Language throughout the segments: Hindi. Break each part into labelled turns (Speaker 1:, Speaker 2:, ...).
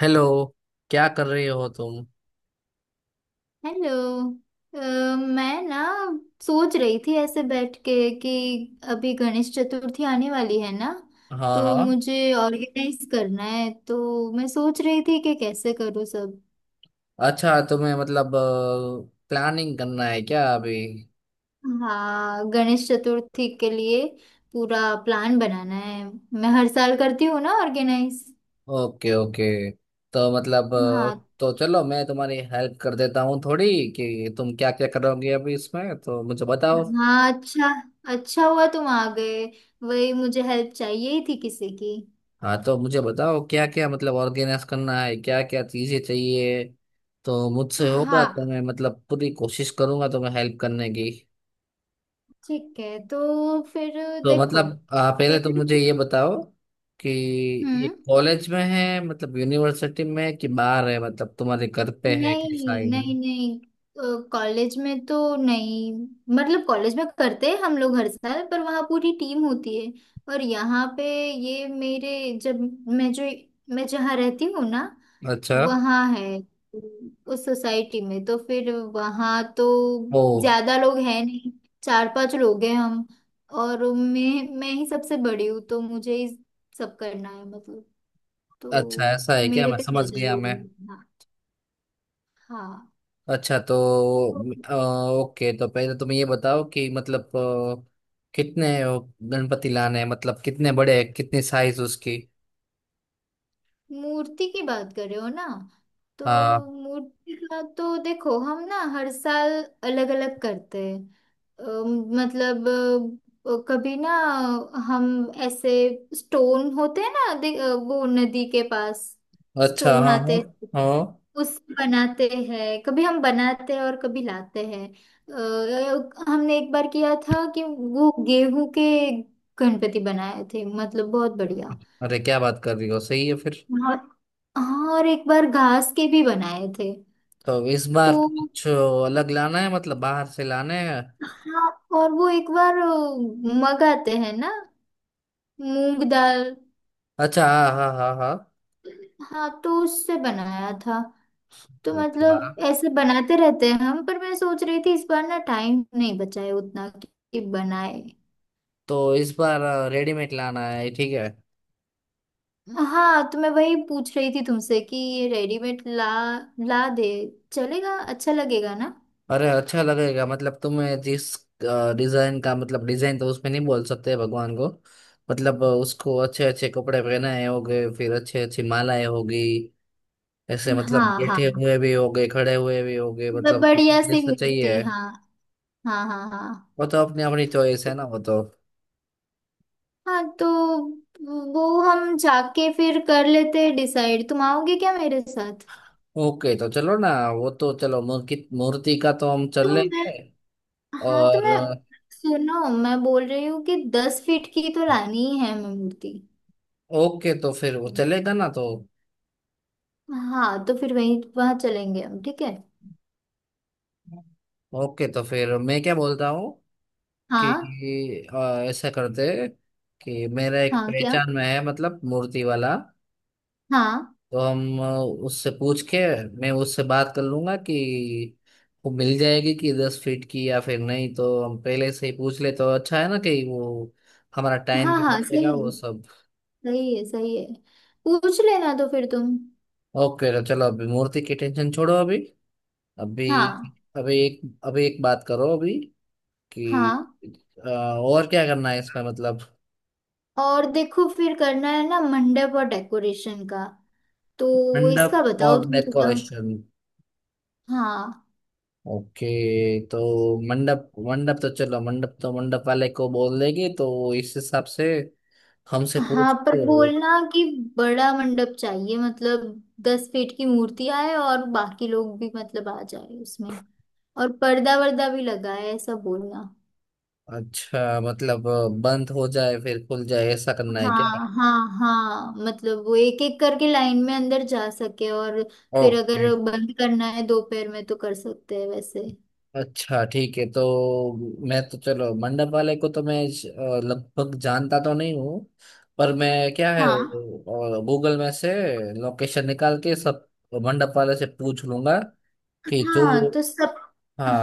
Speaker 1: हेलो। क्या कर रहे हो तुम?
Speaker 2: हेलो। अ, मैं ना सोच रही थी ऐसे बैठ के कि अभी गणेश चतुर्थी आने वाली है ना,
Speaker 1: हाँ
Speaker 2: तो
Speaker 1: हाँ।
Speaker 2: मुझे ऑर्गेनाइज करना है। तो मैं सोच रही थी कि कैसे करूँ सब।
Speaker 1: अच्छा तुम्हें मतलब प्लानिंग करना है क्या अभी?
Speaker 2: हाँ, गणेश चतुर्थी के लिए पूरा प्लान बनाना है। मैं हर साल करती हूँ ना ऑर्गेनाइज।
Speaker 1: Okay okay. तो
Speaker 2: हाँ
Speaker 1: तो चलो मैं तुम्हारी हेल्प कर देता हूँ थोड़ी कि तुम क्या क्या करोगे अभी इसमें, तो मुझे बताओ।
Speaker 2: हाँ। अच्छा, अच्छा हुआ तुम आ गए। वही मुझे हेल्प चाहिए ही थी किसी की।
Speaker 1: हाँ तो मुझे बताओ क्या क्या मतलब ऑर्गेनाइज करना है, क्या क्या चीजें चाहिए। तो मुझसे होगा
Speaker 2: हाँ,
Speaker 1: तो मैं मतलब पूरी कोशिश करूंगा तुम्हें हेल्प करने की।
Speaker 2: ठीक है तो फिर
Speaker 1: तो
Speaker 2: देखो
Speaker 1: पहले तो
Speaker 2: पहले।
Speaker 1: मुझे ये बताओ कि ये
Speaker 2: हम्म।
Speaker 1: कॉलेज में है मतलब यूनिवर्सिटी में है कि बाहर है, मतलब तुम्हारे घर पे है कि
Speaker 2: नहीं
Speaker 1: साइड
Speaker 2: नहीं
Speaker 1: में।
Speaker 2: नहीं, कॉलेज में तो नहीं। मतलब कॉलेज में करते हैं हम लोग हर साल, पर वहाँ पूरी टीम होती है। और यहाँ पे ये मेरे जब मैं जो मैं जहाँ रहती हूँ ना,
Speaker 1: अच्छा।
Speaker 2: वहाँ है। उस सोसाइटी में तो फिर वहाँ तो
Speaker 1: ओह।
Speaker 2: ज्यादा लोग हैं नहीं। चार पांच लोग हैं हम। और मैं ही सबसे बड़ी हूँ, तो मुझे ही सब करना है मतलब।
Speaker 1: अच्छा
Speaker 2: तो
Speaker 1: ऐसा है क्या?
Speaker 2: मेरे
Speaker 1: मैं
Speaker 2: पे
Speaker 1: समझ
Speaker 2: ज्यादा
Speaker 1: गया
Speaker 2: लोड
Speaker 1: मैं।
Speaker 2: होगा। हाँ।
Speaker 1: अच्छा तो
Speaker 2: तो
Speaker 1: अ, ओके। तो पहले तुम ये बताओ कि कितने गणपति लाने हैं, मतलब कितने बड़े हैं, कितनी साइज उसकी।
Speaker 2: मूर्ति की बात कर रहे हो ना। तो
Speaker 1: हाँ।
Speaker 2: मूर्ति का तो देखो हम ना हर साल अलग अलग करते हैं। मतलब कभी ना हम ऐसे स्टोन होते हैं ना वो नदी के पास
Speaker 1: अच्छा
Speaker 2: स्टोन
Speaker 1: हाँ
Speaker 2: आते
Speaker 1: हाँ
Speaker 2: हैं,
Speaker 1: हाँ।
Speaker 2: उससे बनाते हैं। कभी हम बनाते हैं और कभी लाते हैं। हमने एक बार किया था कि वो गेहूं के गणपति बनाए थे, मतलब बहुत बढ़िया।
Speaker 1: अरे क्या बात कर रही हो, सही है फिर।
Speaker 2: और हाँ, और एक बार घास के भी बनाए थे।
Speaker 1: तो इस
Speaker 2: तो
Speaker 1: बार तो कुछ अलग लाना है, मतलब बाहर से लाना है।
Speaker 2: हाँ, और वो एक बार मगाते हैं ना मूंग दाल।
Speaker 1: अच्छा हाँ हाँ हाँ हाँ।
Speaker 2: हाँ, तो उससे बनाया था। तो
Speaker 1: ओके, वाह।
Speaker 2: मतलब ऐसे बनाते रहते हैं हम। पर मैं सोच रही थी इस बार ना टाइम नहीं बचा है उतना कि बनाए।
Speaker 1: तो इस बार रेडीमेड लाना है, ठीक है।
Speaker 2: हाँ, तो मैं वही पूछ रही थी तुमसे कि ये रेडीमेड ला ला दे। चलेगा, अच्छा लगेगा ना।
Speaker 1: अरे अच्छा लगेगा, मतलब तुम्हें जिस डिजाइन का, मतलब डिजाइन तो उसमें नहीं बोल सकते भगवान को। उसको अच्छे अच्छे कपड़े पहनाए होंगे, फिर अच्छी अच्छी मालाएं होगी। ऐसे
Speaker 2: हाँ
Speaker 1: मतलब
Speaker 2: हाँ
Speaker 1: बैठे
Speaker 2: हाँ।
Speaker 1: हुए भी होंगे, खड़े हुए भी होगे, मतलब तुम्हें
Speaker 2: बढ़िया सी
Speaker 1: जैसा
Speaker 2: मूर्ति,
Speaker 1: चाहिए।
Speaker 2: हाँ। हाँ हाँ हाँ
Speaker 1: वो तो अपनी अपनी चॉइस है ना वो तो।
Speaker 2: हाँ। तो वो हम जाके फिर कर लेते हैं डिसाइड। तुम आओगे क्या मेरे साथ।
Speaker 1: ओके तो चलो ना, वो तो चलो, मूर्ति मूर्ति का तो हम चल
Speaker 2: तो मैं
Speaker 1: लेंगे।
Speaker 2: हाँ तो
Speaker 1: और
Speaker 2: मैं, सुनो, मैं बोल रही हूँ कि 10 फीट की तो लानी ही है मैं मूर्ति।
Speaker 1: ओके तो फिर वो चलेगा ना तो।
Speaker 2: हाँ, तो फिर वहीं वहाँ चलेंगे हम, ठीक है।
Speaker 1: ओके तो फिर मैं क्या बोलता हूँ कि
Speaker 2: हाँ।
Speaker 1: ऐसा करते कि मेरा एक
Speaker 2: हाँ क्या।
Speaker 1: पहचान में है, मतलब मूर्ति वाला।
Speaker 2: हाँ
Speaker 1: तो हम उससे पूछ के, मैं उससे बात कर लूंगा कि वो मिल जाएगी कि 10 फीट की या फिर नहीं, तो हम पहले से ही पूछ ले तो अच्छा है ना, कि वो हमारा टाइम
Speaker 2: हाँ
Speaker 1: भी
Speaker 2: हाँ, सही
Speaker 1: बचेगा वो
Speaker 2: है।
Speaker 1: सब।
Speaker 2: सही है सही है। पूछ लेना तो फिर तुम।
Speaker 1: ओके तो चलो अभी मूर्ति की टेंशन छोड़ो। अभी अभी
Speaker 2: हाँ।
Speaker 1: अभी एक अभी एक बात करो अभी कि
Speaker 2: हाँ,
Speaker 1: और क्या करना है इसमें मतलब।
Speaker 2: और देखो, फिर करना है ना मंडप और डेकोरेशन का। तो
Speaker 1: मंडप
Speaker 2: इसका बताओ
Speaker 1: और
Speaker 2: तुम थोड़ा।
Speaker 1: डेकोरेशन?
Speaker 2: हाँ।
Speaker 1: ओके। तो मंडप मंडप तो चलो, मंडप वाले को बोल देगी तो इस हिसाब से हमसे
Speaker 2: हाँ, पर
Speaker 1: पूछते हो।
Speaker 2: बोलना कि बड़ा मंडप चाहिए, मतलब 10 फीट की मूर्ति आए और बाकी लोग भी मतलब आ जाए उसमें। और पर्दा वर्दा भी लगाए, ऐसा बोलना।
Speaker 1: अच्छा मतलब बंद हो जाए फिर खुल जाए, ऐसा करना है क्या?
Speaker 2: हाँ हाँ। हाँ, मतलब वो एक एक करके लाइन में अंदर जा सके, और फिर अगर
Speaker 1: ओके
Speaker 2: बंद करना है दोपहर में तो कर सकते हैं वैसे।
Speaker 1: अच्छा ठीक है। तो मैं तो चलो मंडप वाले को तो मैं लगभग जानता तो नहीं हूँ, पर मैं क्या है,
Speaker 2: हाँ
Speaker 1: गूगल में से लोकेशन निकाल के सब मंडप वाले से पूछ लूंगा कि जो,
Speaker 2: हाँ तो सब।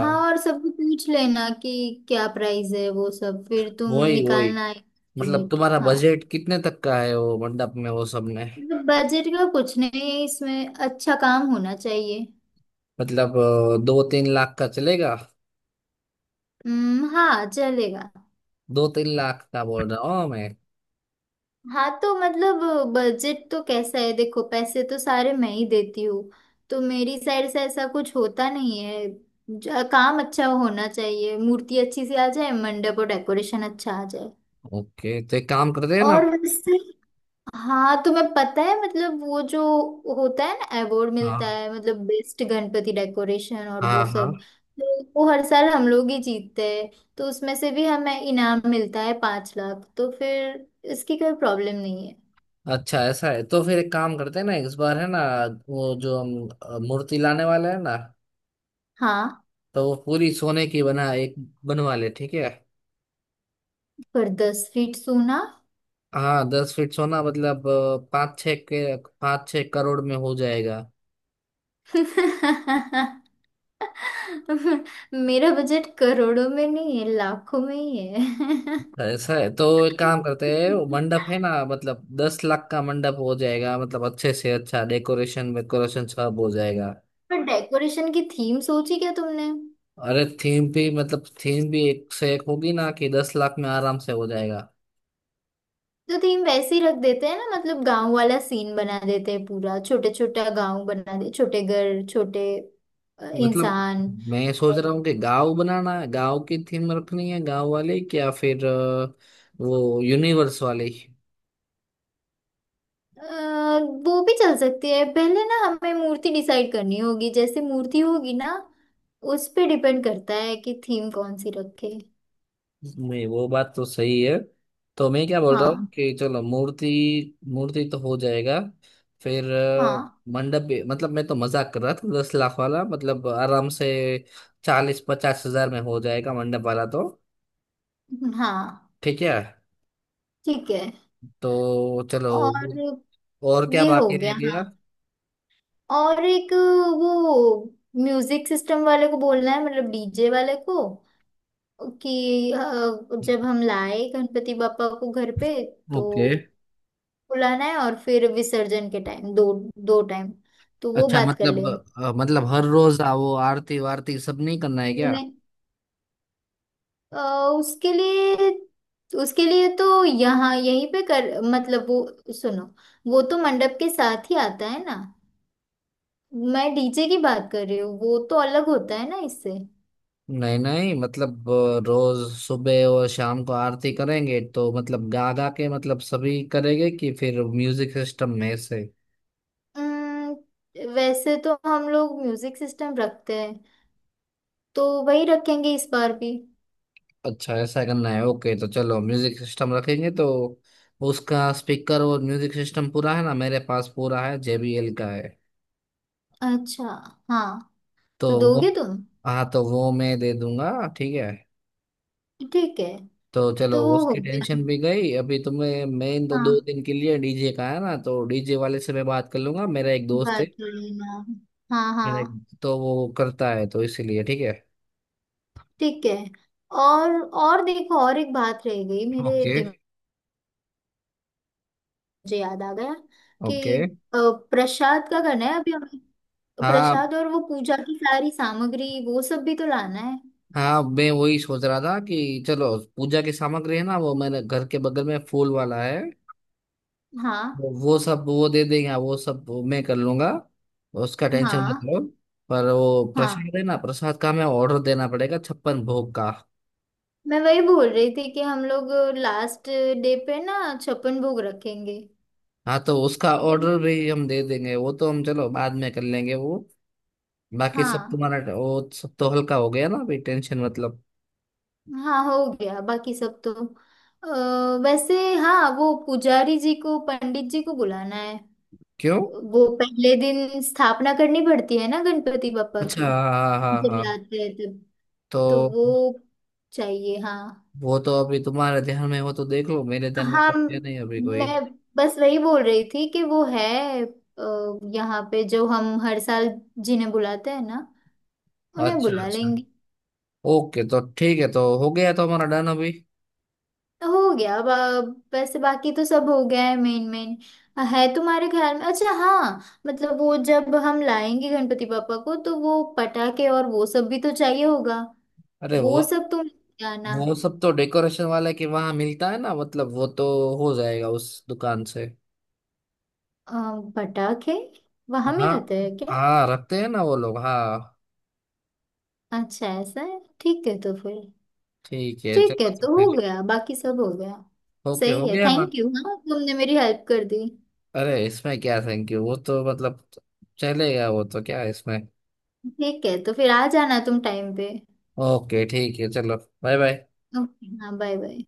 Speaker 2: हाँ, और सबको पूछ लेना कि क्या प्राइस है वो सब। फिर तुम
Speaker 1: वही वही,
Speaker 2: निकालना है
Speaker 1: मतलब
Speaker 2: estimate।
Speaker 1: तुम्हारा
Speaker 2: हाँ,
Speaker 1: बजट कितने तक का है वो मंडप में, वो सब में।
Speaker 2: मतलब बजट का कुछ नहीं है इसमें, अच्छा काम होना चाहिए।
Speaker 1: मतलब 2 3 लाख का चलेगा?
Speaker 2: हम्म, हाँ चलेगा।
Speaker 1: 2 3 लाख का बोल रहा हूँ मैं।
Speaker 2: हाँ, तो मतलब बजट तो कैसा है देखो, पैसे तो सारे मैं ही देती हूँ। तो मेरी साइड से ऐसा कुछ होता नहीं है। काम अच्छा होना चाहिए, मूर्ति अच्छी सी आ जाए, मंडप और डेकोरेशन अच्छा आ जाए।
Speaker 1: ओके तो एक काम करते हैं ना।
Speaker 2: और वैसे, हाँ, तुम्हें पता है मतलब वो जो होता है ना अवार्ड मिलता
Speaker 1: हाँ
Speaker 2: है मतलब बेस्ट गणपति डेकोरेशन और वो
Speaker 1: हाँ हाँ।
Speaker 2: सब। तो वो हर साल हम लोग ही जीतते हैं। तो उसमें से भी हमें इनाम मिलता है 5 लाख, तो फिर इसकी कोई प्रॉब्लम नहीं है।
Speaker 1: अच्छा ऐसा है तो फिर एक काम करते हैं ना, इस बार है ना वो जो हम मूर्ति लाने वाले हैं ना,
Speaker 2: हाँ,
Speaker 1: तो वो पूरी सोने की बना एक बनवा ले, ठीक है?
Speaker 2: पर 10 फीट सोना।
Speaker 1: हाँ 10 फीट सोना, मतलब 5 6 के, 5 6 करोड़ में हो जाएगा।
Speaker 2: मेरा बजट करोड़ों में नहीं है, लाखों में ही है।
Speaker 1: ऐसा है तो एक काम करते हैं, वो मंडप है ना, मतलब 10 लाख का मंडप हो जाएगा, मतलब अच्छे से अच्छा डेकोरेशन वेकोरेशन सब हो जाएगा।
Speaker 2: पर डेकोरेशन की थीम सोची क्या तुमने।
Speaker 1: अरे थीम भी, मतलब थीम भी एक से एक होगी ना कि 10 लाख में आराम से हो जाएगा।
Speaker 2: तो थीम वैसे ही रख देते हैं ना, मतलब गांव वाला सीन बना देते हैं पूरा, छोटे छोटा गांव बना दे, छोटे घर, छोटे
Speaker 1: मतलब
Speaker 2: इंसान।
Speaker 1: मैं सोच रहा हूँ कि गांव बनाना है, गांव की थीम रखनी है, गांव वाले की, या फिर वो यूनिवर्स वाले की?
Speaker 2: अ, वो भी चल सकती है। पहले ना हमें मूर्ति डिसाइड करनी होगी, जैसे मूर्ति होगी ना उस पे डिपेंड करता है कि थीम कौन सी रखे।
Speaker 1: नहीं वो बात तो सही है। तो मैं क्या बोल रहा हूँ
Speaker 2: हाँ
Speaker 1: कि चलो मूर्ति मूर्ति तो हो जाएगा। फिर
Speaker 2: हाँ
Speaker 1: मंडप भी- मतलब मैं तो मजाक कर रहा था 10 लाख वाला, मतलब आराम से 40 50 हज़ार में हो जाएगा मंडप वाला तो।
Speaker 2: हाँ,
Speaker 1: ठीक है
Speaker 2: ठीक है।
Speaker 1: तो चलो,
Speaker 2: और
Speaker 1: और क्या
Speaker 2: ये हो
Speaker 1: बाकी रह
Speaker 2: गया।
Speaker 1: गया?
Speaker 2: हाँ, और एक वो म्यूजिक सिस्टम वाले को बोलना है, मतलब डीजे वाले को कि जब हम लाए गणपति बापा को घर पे, तो
Speaker 1: ओके।
Speaker 2: बुलाना है। और फिर विसर्जन के टाइम दो, दो टाइम। तो वो
Speaker 1: अच्छा
Speaker 2: बात कर
Speaker 1: मतलब मतलब हर रोज आओ, आरती वारती सब नहीं करना है क्या?
Speaker 2: लेना। अ, उसके लिए, उसके लिए तो यहाँ यहीं पे कर मतलब वो, सुनो, वो तो मंडप के साथ ही आता है ना। मैं डीजे की बात कर रही हूँ, वो तो अलग होता है ना इससे।
Speaker 1: नहीं नहीं, मतलब रोज सुबह और शाम को आरती करेंगे तो मतलब गा गा के मतलब सभी करेंगे, कि फिर म्यूजिक सिस्टम में से।
Speaker 2: अम्म, वैसे तो हम लोग म्यूजिक सिस्टम रखते हैं, तो वही रखेंगे इस बार भी।
Speaker 1: अच्छा ऐसा करना है, ओके तो चलो म्यूजिक सिस्टम रखेंगे तो उसका स्पीकर और म्यूजिक सिस्टम पूरा है ना मेरे पास, पूरा है, JBL का है।
Speaker 2: अच्छा, हाँ।
Speaker 1: तो
Speaker 2: तो
Speaker 1: वो,
Speaker 2: दोगे तुम।
Speaker 1: हाँ तो वो मैं दे दूंगा, ठीक है।
Speaker 2: ठीक है।
Speaker 1: तो चलो
Speaker 2: तो वो हो
Speaker 1: उसकी
Speaker 2: गया।
Speaker 1: टेंशन भी गई। अभी तुम्हें मैं इन दो
Speaker 2: हाँ,
Speaker 1: दो दिन के लिए डीजे का है ना, तो डीजे वाले से मैं बात कर लूंगा, मेरा एक दोस्त है,
Speaker 2: बात कर लेना। हाँ
Speaker 1: मेरा एक
Speaker 2: हाँ,
Speaker 1: तो वो करता है, तो इसीलिए ठीक है।
Speaker 2: ठीक है। और और देखो, और एक बात रह गई मेरे
Speaker 1: ओके।
Speaker 2: दिमाग, मुझे याद आ गया
Speaker 1: ओके।
Speaker 2: कि अ, प्रसाद का करना है अभी हमें।
Speaker 1: हाँ
Speaker 2: प्रसाद और वो पूजा की सारी सामग्री वो सब भी तो लाना है।
Speaker 1: हाँ, मैं वही सोच रहा था कि चलो पूजा की सामग्री है ना, वो मैंने घर के बगल में फूल वाला है,
Speaker 2: हाँ
Speaker 1: वो सब वो दे देंगे, हाँ, वो सब मैं कर लूंगा, उसका टेंशन मत
Speaker 2: हाँ
Speaker 1: लो। पर वो
Speaker 2: हाँ,
Speaker 1: प्रसाद है ना, प्रसाद का हमें ऑर्डर देना पड़ेगा 56 भोग का।
Speaker 2: मैं वही बोल रही थी कि हम लोग लास्ट डे पे ना छप्पन भोग रखेंगे।
Speaker 1: हाँ तो उसका ऑर्डर
Speaker 2: वो-
Speaker 1: भी हम दे देंगे, वो तो हम चलो बाद में कर लेंगे वो। बाकी सब
Speaker 2: हाँ
Speaker 1: तुम्हारा वो सब तो हल्का हो गया ना अभी, टेंशन मतलब।
Speaker 2: हाँ, हो गया बाकी सब तो। वैसे, हाँ, वो पुजारी जी को, पंडित जी को बुलाना है।
Speaker 1: क्यों?
Speaker 2: वो पहले दिन स्थापना करनी पड़ती है ना गणपति बापा की,
Speaker 1: अच्छा हाँ हाँ हाँ हाँ,
Speaker 2: जब
Speaker 1: हाँ।
Speaker 2: लाते हैं तब। तो
Speaker 1: तो
Speaker 2: वो चाहिए, हाँ।
Speaker 1: वो तो अभी तुम्हारे ध्यान में हो तो देख लो, मेरे ध्यान में
Speaker 2: हाँ,
Speaker 1: तो है नहीं अभी कोई।
Speaker 2: मैं बस वही बोल रही थी कि वो है यहाँ पे जो हम हर साल जिन्हें बुलाते हैं ना, उन्हें
Speaker 1: अच्छा अच्छा।
Speaker 2: बुला लेंगे।
Speaker 1: ओके तो ठीक है तो हो गया, तो हमारा डन अभी।
Speaker 2: तो हो गया। अब वैसे बाकी तो सब हो गया है, मेन मेन है तुम्हारे ख्याल में। अच्छा, हाँ, मतलब वो जब हम लाएंगे गणपति पापा को, तो वो पटाखे और वो सब भी तो चाहिए होगा,
Speaker 1: अरे वो
Speaker 2: वो सब तुम लेके आना।
Speaker 1: वो सब तो डेकोरेशन वाले के वहां मिलता है ना, मतलब वो तो हो जाएगा उस दुकान से।
Speaker 2: अ, पटाखे वहां
Speaker 1: हाँ।
Speaker 2: मिलते हैं क्या।
Speaker 1: हाँ रखते हैं ना वो लोग, हाँ।
Speaker 2: अच्छा, ऐसा है, ठीक है तो फिर
Speaker 1: ठीक है
Speaker 2: ठीक है,
Speaker 1: चलो तो
Speaker 2: तो हो
Speaker 1: फिर।
Speaker 2: गया बाकी सब हो गया।
Speaker 1: ओके हो
Speaker 2: सही है,
Speaker 1: गया ना।
Speaker 2: थैंक यू, हाँ, तुमने मेरी हेल्प कर दी।
Speaker 1: अरे इसमें क्या थैंक यू, वो तो मतलब चलेगा, वो तो क्या है इसमें।
Speaker 2: ठीक है, तो फिर आ जाना तुम टाइम पे।
Speaker 1: ओके ठीक है चलो, बाय बाय।
Speaker 2: ओके, हाँ, बाय बाय।